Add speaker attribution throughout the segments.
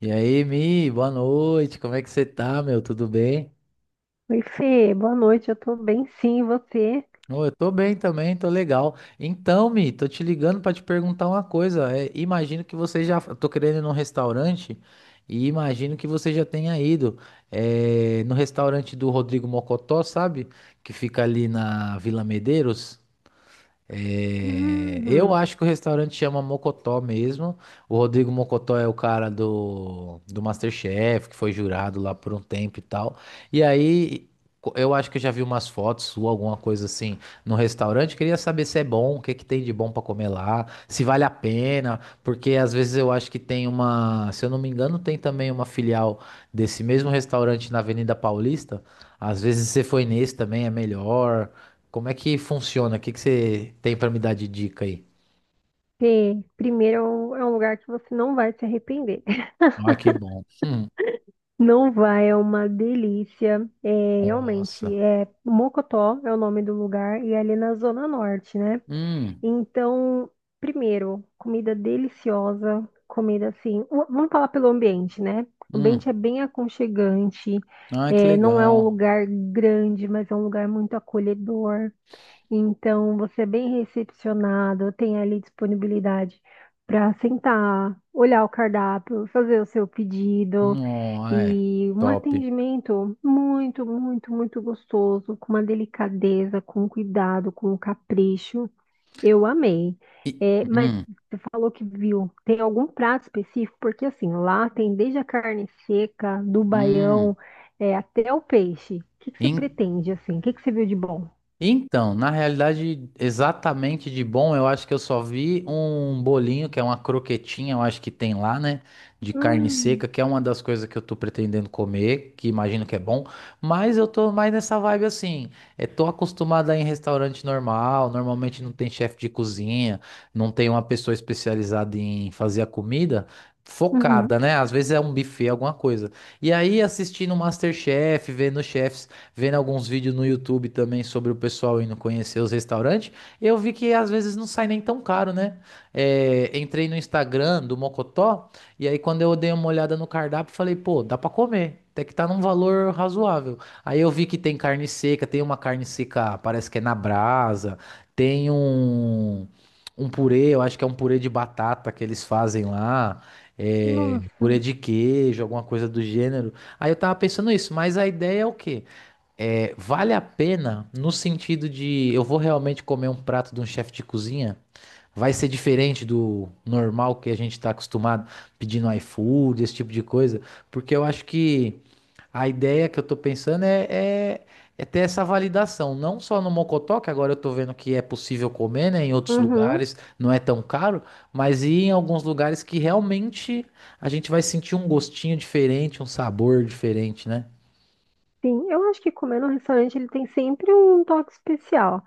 Speaker 1: E aí, Mi, boa noite. Como é que você tá, meu? Tudo bem?
Speaker 2: Oi, Fê, boa noite. Eu tô bem, sim, e você?
Speaker 1: Ô, eu tô bem também, tô legal. Então, Mi, tô te ligando pra te perguntar uma coisa. É, imagino que você já. Eu tô querendo ir num restaurante e imagino que você já tenha ido no restaurante do Rodrigo Mocotó, sabe? Que fica ali na Vila Medeiros. É, eu
Speaker 2: Hum,
Speaker 1: acho que o restaurante chama Mocotó mesmo. O Rodrigo Mocotó é o cara do MasterChef, que foi jurado lá por um tempo e tal. E aí, eu acho que eu já vi umas fotos sua, alguma coisa assim, no restaurante. Queria saber se é bom, o que que tem de bom pra comer lá, se vale a pena, porque às vezes eu acho que tem uma, se eu não me engano, tem também uma filial desse mesmo restaurante na Avenida Paulista. Às vezes você foi nesse também, é melhor. Como é que funciona? O que que você tem pra me dar de dica aí?
Speaker 2: Fê, primeiro é um lugar que você não vai se arrepender.
Speaker 1: Ah, que bom.
Speaker 2: Não vai, é uma delícia. É, realmente,
Speaker 1: Nossa.
Speaker 2: é, Mocotó é o nome do lugar e é ali na Zona Norte, né?
Speaker 1: Hum,
Speaker 2: Então, primeiro, comida deliciosa, comida assim, vamos falar pelo ambiente, né? O
Speaker 1: hum.
Speaker 2: ambiente é bem aconchegante,
Speaker 1: Ah, que
Speaker 2: é, não é um
Speaker 1: legal.
Speaker 2: lugar grande, mas é um lugar muito acolhedor. Então, você é bem recepcionado, tem ali disponibilidade para sentar, olhar o cardápio, fazer o seu pedido,
Speaker 1: Não, é.
Speaker 2: e um
Speaker 1: Top.
Speaker 2: atendimento muito, muito, muito gostoso, com uma delicadeza, com um cuidado, com um capricho. Eu amei.
Speaker 1: E,
Speaker 2: É, mas
Speaker 1: hum,
Speaker 2: você falou que viu, tem algum prato específico? Porque assim, lá tem desde a carne seca, do
Speaker 1: hum.
Speaker 2: baião, é, até o peixe. O que que você pretende assim? O que que você viu de bom?
Speaker 1: Então, na realidade, exatamente de bom, eu acho que eu só vi um bolinho, que é uma croquetinha, eu acho que tem lá, né? De carne seca,
Speaker 2: Hum.
Speaker 1: que é uma das coisas que eu tô pretendendo comer, que imagino que é bom, mas eu tô mais nessa vibe assim. É, tô acostumado a ir em restaurante normal, normalmente não tem chefe de cozinha, não tem uma pessoa especializada em fazer a comida.
Speaker 2: Uhum.
Speaker 1: Focada, né? Às vezes é um buffet, alguma coisa. E aí, assistindo o MasterChef, vendo o chefe, vendo alguns vídeos no YouTube também sobre o pessoal indo conhecer os restaurantes, eu vi que às vezes não sai nem tão caro, né? É, entrei no Instagram do Mocotó, e aí quando eu dei uma olhada no cardápio, falei, pô, dá pra comer. Até que tá num valor razoável. Aí eu vi que tem carne seca, tem uma carne seca, parece que é na brasa, tem um, um purê, eu acho que é um purê de batata que eles fazem lá, é,
Speaker 2: Nossa.
Speaker 1: purê de queijo, alguma coisa do gênero. Aí eu tava pensando isso, mas a ideia é o quê? É, vale a pena no sentido de eu vou realmente comer um prato de um chefe de cozinha? Vai ser diferente do normal que a gente está acostumado pedindo iFood, esse tipo de coisa? Porque eu acho que a ideia que eu tô pensando é, é, é ter essa validação, não só no Mocotó, que agora eu tô vendo que é possível comer, né? Em outros
Speaker 2: Uhum.
Speaker 1: lugares não é tão caro, mas ir em alguns lugares que realmente a gente vai sentir um gostinho diferente, um sabor diferente, né?
Speaker 2: Sim, eu acho que comer no restaurante ele tem sempre um toque especial.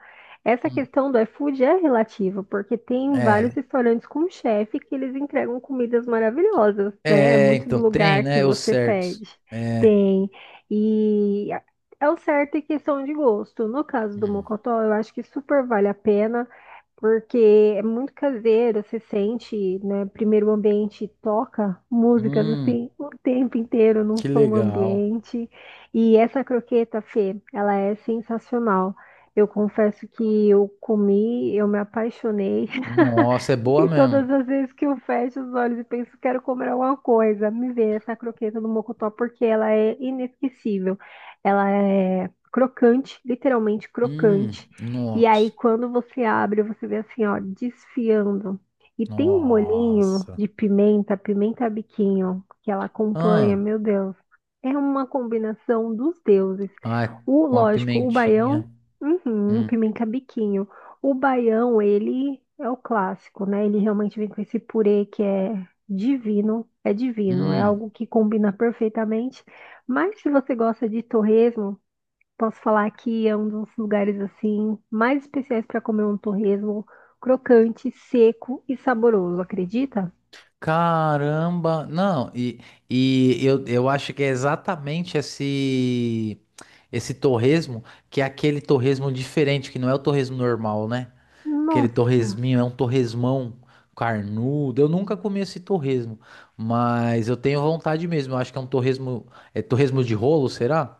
Speaker 2: Essa
Speaker 1: Hum.
Speaker 2: questão do iFood é relativa, porque tem vários
Speaker 1: É,
Speaker 2: restaurantes com chefe que eles entregam comidas maravilhosas, né? É
Speaker 1: é,
Speaker 2: muito do
Speaker 1: então tem,
Speaker 2: lugar que
Speaker 1: né? Os
Speaker 2: você
Speaker 1: certos.
Speaker 2: pede.
Speaker 1: É.
Speaker 2: Tem. E é o certo em questão de gosto. No caso do
Speaker 1: Hum.
Speaker 2: Mocotó, eu acho que super vale a pena, porque é muito caseiro, você sente, né? Primeiro o ambiente toca músicas
Speaker 1: Hum,
Speaker 2: assim o tempo inteiro num
Speaker 1: que
Speaker 2: som
Speaker 1: legal.
Speaker 2: ambiente. E essa croqueta, Fê, ela é sensacional. Eu confesso que eu comi, eu me apaixonei.
Speaker 1: Nossa, é boa
Speaker 2: E
Speaker 1: mesmo.
Speaker 2: todas as vezes que eu fecho os olhos e penso, quero comer alguma coisa, me vem essa croqueta do mocotó porque ela é inesquecível. Ela é crocante, literalmente crocante. E
Speaker 1: Nossa.
Speaker 2: aí, quando você abre, você vê assim, ó, desfiando. E tem um molhinho
Speaker 1: Nossa.
Speaker 2: de pimenta, pimenta a biquinho, que ela acompanha,
Speaker 1: Ah,
Speaker 2: meu Deus. É uma combinação dos deuses.
Speaker 1: ai,
Speaker 2: O,
Speaker 1: com a
Speaker 2: lógico, o baião,
Speaker 1: pimentinha.
Speaker 2: uhum,
Speaker 1: Hum,
Speaker 2: pimenta a biquinho. O baião, ele é o clássico, né? Ele realmente vem com esse purê que é divino, é divino, é
Speaker 1: hum.
Speaker 2: algo que combina perfeitamente. Mas se você gosta de torresmo, posso falar que é um dos lugares assim mais especiais para comer um torresmo crocante, seco e saboroso, acredita?
Speaker 1: Caramba. Não, e eu acho que é exatamente esse, esse torresmo, que é aquele torresmo diferente, que não é o torresmo normal, né? Aquele
Speaker 2: Nossa!
Speaker 1: torresminho, é um torresmão carnudo. Eu nunca comi esse torresmo, mas eu tenho vontade mesmo. Eu acho que é um torresmo, é torresmo de rolo, será?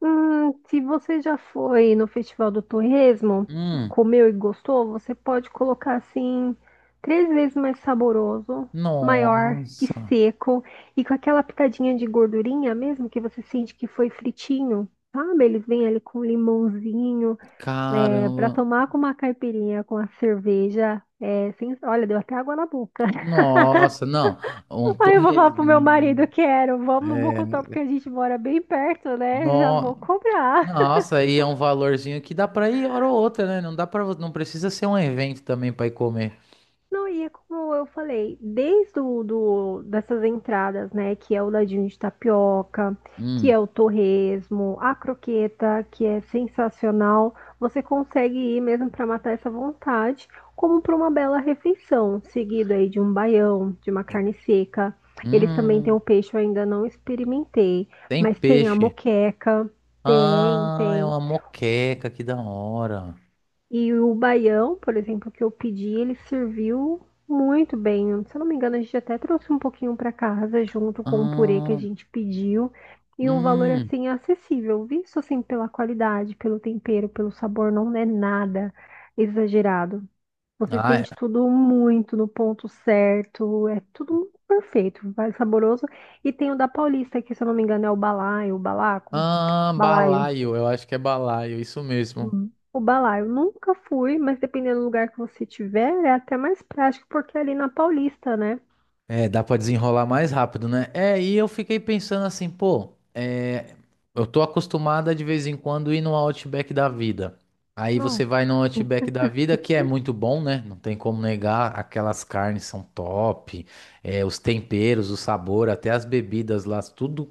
Speaker 2: Se você já foi no Festival do Torresmo,
Speaker 1: Hum,
Speaker 2: comeu e gostou, você pode colocar assim três vezes mais saboroso, maior e
Speaker 1: nossa,
Speaker 2: seco, e com aquela pitadinha de gordurinha mesmo que você sente que foi fritinho, sabe? Eles vêm ali com limãozinho, é, para
Speaker 1: caramba.
Speaker 2: tomar com uma caipirinha, com a cerveja. É, olha, deu até água na boca.
Speaker 1: Nossa, não, um
Speaker 2: Aí eu vou falar pro meu
Speaker 1: torresminho.
Speaker 2: marido, quero, vamos no
Speaker 1: É,
Speaker 2: Mocotó, porque a gente mora bem perto, né? Já
Speaker 1: no,
Speaker 2: vou comprar.
Speaker 1: nossa, aí é um valorzinho que dá pra ir hora ou outra, né? Não dá para, não precisa ser um evento também pra ir comer.
Speaker 2: Não, e é como eu falei, desde dessas entradas, né, que é o ladinho de tapioca, que
Speaker 1: Hum,
Speaker 2: é o torresmo, a croqueta, que é sensacional, você consegue ir mesmo para matar essa vontade, como para uma bela refeição, seguido aí de um baião, de uma carne seca. Eles também têm
Speaker 1: hum,
Speaker 2: o peixe, eu ainda não experimentei,
Speaker 1: tem
Speaker 2: mas tem a
Speaker 1: peixe.
Speaker 2: moqueca, tem,
Speaker 1: Ah, é
Speaker 2: tem.
Speaker 1: uma moqueca, que da hora.
Speaker 2: E o baião, por exemplo, que eu pedi, ele serviu muito bem. Se eu não me engano, a gente até trouxe um pouquinho para casa junto com o purê que a
Speaker 1: Ah,
Speaker 2: gente pediu. E um valor
Speaker 1: hum.
Speaker 2: assim acessível, visto assim pela qualidade, pelo tempero, pelo sabor, não é nada exagerado. Você
Speaker 1: Ah, é.
Speaker 2: sente tudo muito no ponto certo, é tudo perfeito, vai saboroso. E tem o da Paulista, que se eu não me engano é o balaio, o balaco,
Speaker 1: Ah,
Speaker 2: balaio.
Speaker 1: balaio, eu acho que é balaio, isso mesmo.
Speaker 2: Hum, o balaio eu nunca fui, mas dependendo do lugar que você tiver, é até mais prático, porque é ali na Paulista, né?
Speaker 1: É, dá pra desenrolar mais rápido, né? É, e eu fiquei pensando assim, pô, é, eu tô acostumada de vez em quando ir no Outback da vida. Aí você vai
Speaker 2: Nossa,
Speaker 1: no Outback da vida, que é muito bom, né? Não tem como negar, aquelas carnes são top, é, os temperos, o sabor, até as bebidas lá, tudo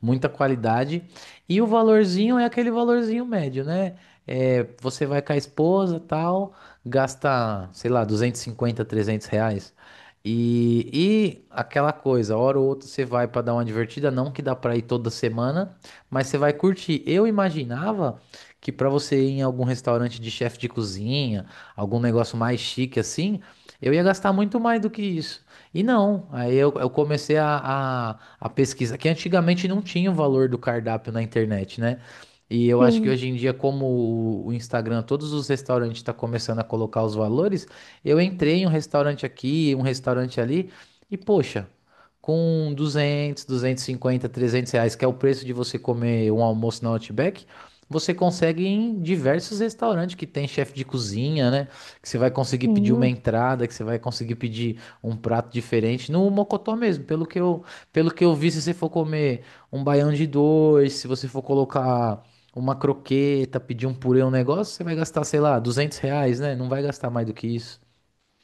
Speaker 1: muita qualidade. E o valorzinho é aquele valorzinho médio, né? É, você vai com a esposa, tal, gasta, sei lá, 250 R$ 300. E, e aquela coisa, hora ou outra você vai para dar uma divertida, não que dá para ir toda semana, mas você vai curtir. Eu imaginava que para você ir em algum restaurante de chefe de cozinha, algum negócio mais chique assim, eu ia gastar muito mais do que isso. E não, aí eu comecei a a pesquisa, que antigamente não tinha o valor do cardápio na internet, né? E eu acho que
Speaker 2: sim,
Speaker 1: hoje em dia, como o Instagram, todos os restaurantes estão começando a colocar os valores, eu entrei em um restaurante aqui, um restaurante ali, e poxa, com 200 250 trezentos reais, que é o preço de você comer um almoço na Outback, você consegue ir em diversos restaurantes que tem chefe de cozinha, né? Que você vai conseguir pedir uma
Speaker 2: sim.
Speaker 1: entrada, que você vai conseguir pedir um prato diferente, no Mocotó mesmo, pelo que eu vi, se você for comer um baião de dois, se você for colocar uma croqueta, pedir um purê, um negócio, você vai gastar, sei lá, R$ 200, né? Não vai gastar mais do que isso.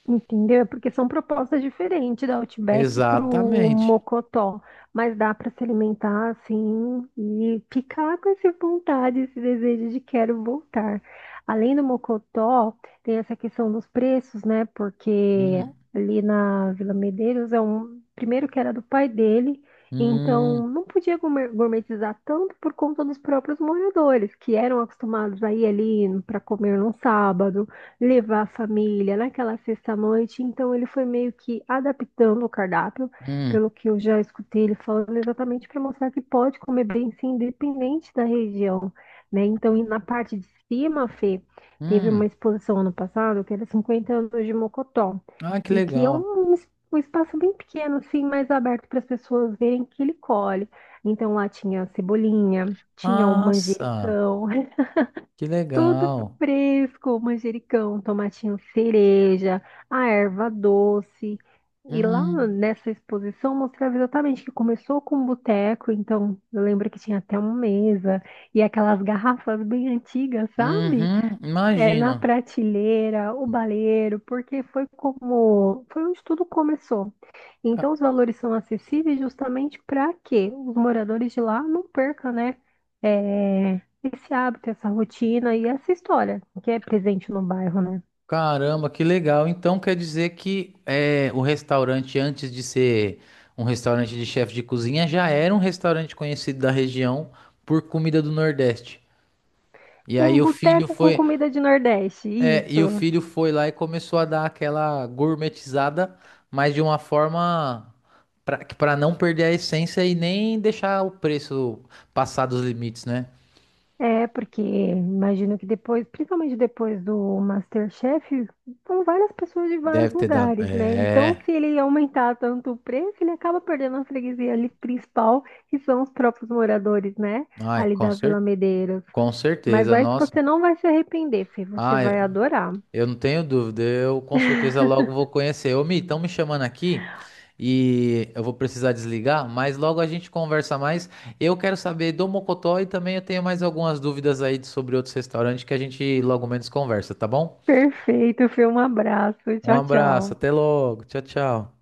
Speaker 2: Entendeu? É. Porque são propostas diferentes da Outback pro
Speaker 1: Exatamente.
Speaker 2: Mocotó, mas dá para se alimentar assim e ficar com essa vontade, esse desejo de quero voltar. Além do Mocotó, tem essa questão dos preços, né? Porque
Speaker 1: Hum,
Speaker 2: ali na Vila Medeiros é um primeiro que era do pai dele,
Speaker 1: hum,
Speaker 2: então não podia gourmetizar tanto por conta dos próprios moradores, que eram acostumados a ir ali para comer num sábado, levar a família naquela sexta-noite. Então, ele foi meio que adaptando o cardápio,
Speaker 1: hum,
Speaker 2: pelo que eu já escutei ele falando, exatamente para mostrar que pode comer bem, sim, independente da região, né? Então, e na parte de cima, Fê, teve uma
Speaker 1: hum.
Speaker 2: exposição ano passado que era 50 anos de Mocotó,
Speaker 1: Ah, que
Speaker 2: e que é
Speaker 1: legal.
Speaker 2: um espaço bem pequeno, assim, mais aberto para as pessoas verem que ele colhe. Então, lá tinha cebolinha. Tinha o
Speaker 1: Nossa,
Speaker 2: manjericão,
Speaker 1: que
Speaker 2: tudo
Speaker 1: legal.
Speaker 2: fresco, manjericão, tomatinho cereja, a erva doce. E lá
Speaker 1: Hum,
Speaker 2: nessa exposição mostrava exatamente que começou com um boteco, então eu lembro que tinha até uma mesa e aquelas garrafas bem antigas, sabe?
Speaker 1: uhum,
Speaker 2: É, na
Speaker 1: imagino.
Speaker 2: prateleira, o baleiro, porque foi como, foi onde tudo começou. Então, os valores são acessíveis justamente para que os moradores de lá não percam, né, é, esse hábito, essa rotina e essa história que é presente no bairro, né?
Speaker 1: Caramba, que legal. Então quer dizer que é, o restaurante, antes de ser um restaurante de chefe de cozinha, já era um restaurante conhecido da região por comida do Nordeste. E aí
Speaker 2: Um
Speaker 1: o filho
Speaker 2: boteco com
Speaker 1: foi,
Speaker 2: comida de Nordeste, isso.
Speaker 1: e o filho foi lá e começou a dar aquela gourmetizada, mas de uma forma para não perder a essência e nem deixar o preço passar dos limites, né?
Speaker 2: É, porque imagino que depois, principalmente depois do MasterChef, são várias pessoas de vários
Speaker 1: Deve ter dado.
Speaker 2: lugares, né? Então,
Speaker 1: É.
Speaker 2: se ele aumentar tanto o preço, ele acaba perdendo a freguesia ali principal, que são os próprios moradores, né?
Speaker 1: Ai,
Speaker 2: Ali da Vila Medeiros.
Speaker 1: com
Speaker 2: Mas
Speaker 1: certeza,
Speaker 2: vai que
Speaker 1: nossa.
Speaker 2: você não vai se arrepender, Fê. Você
Speaker 1: Ah,
Speaker 2: vai adorar.
Speaker 1: eu não tenho dúvida, eu com certeza logo vou conhecer. Ô, Mi, estão me chamando aqui e eu vou precisar desligar, mas logo a gente conversa mais. Eu quero saber do Mocotó e também eu tenho mais algumas dúvidas aí sobre outros restaurantes que a gente logo menos conversa, tá bom?
Speaker 2: Perfeito, Fê. Um abraço.
Speaker 1: Um
Speaker 2: Tchau,
Speaker 1: abraço,
Speaker 2: tchau.
Speaker 1: até logo, tchau, tchau.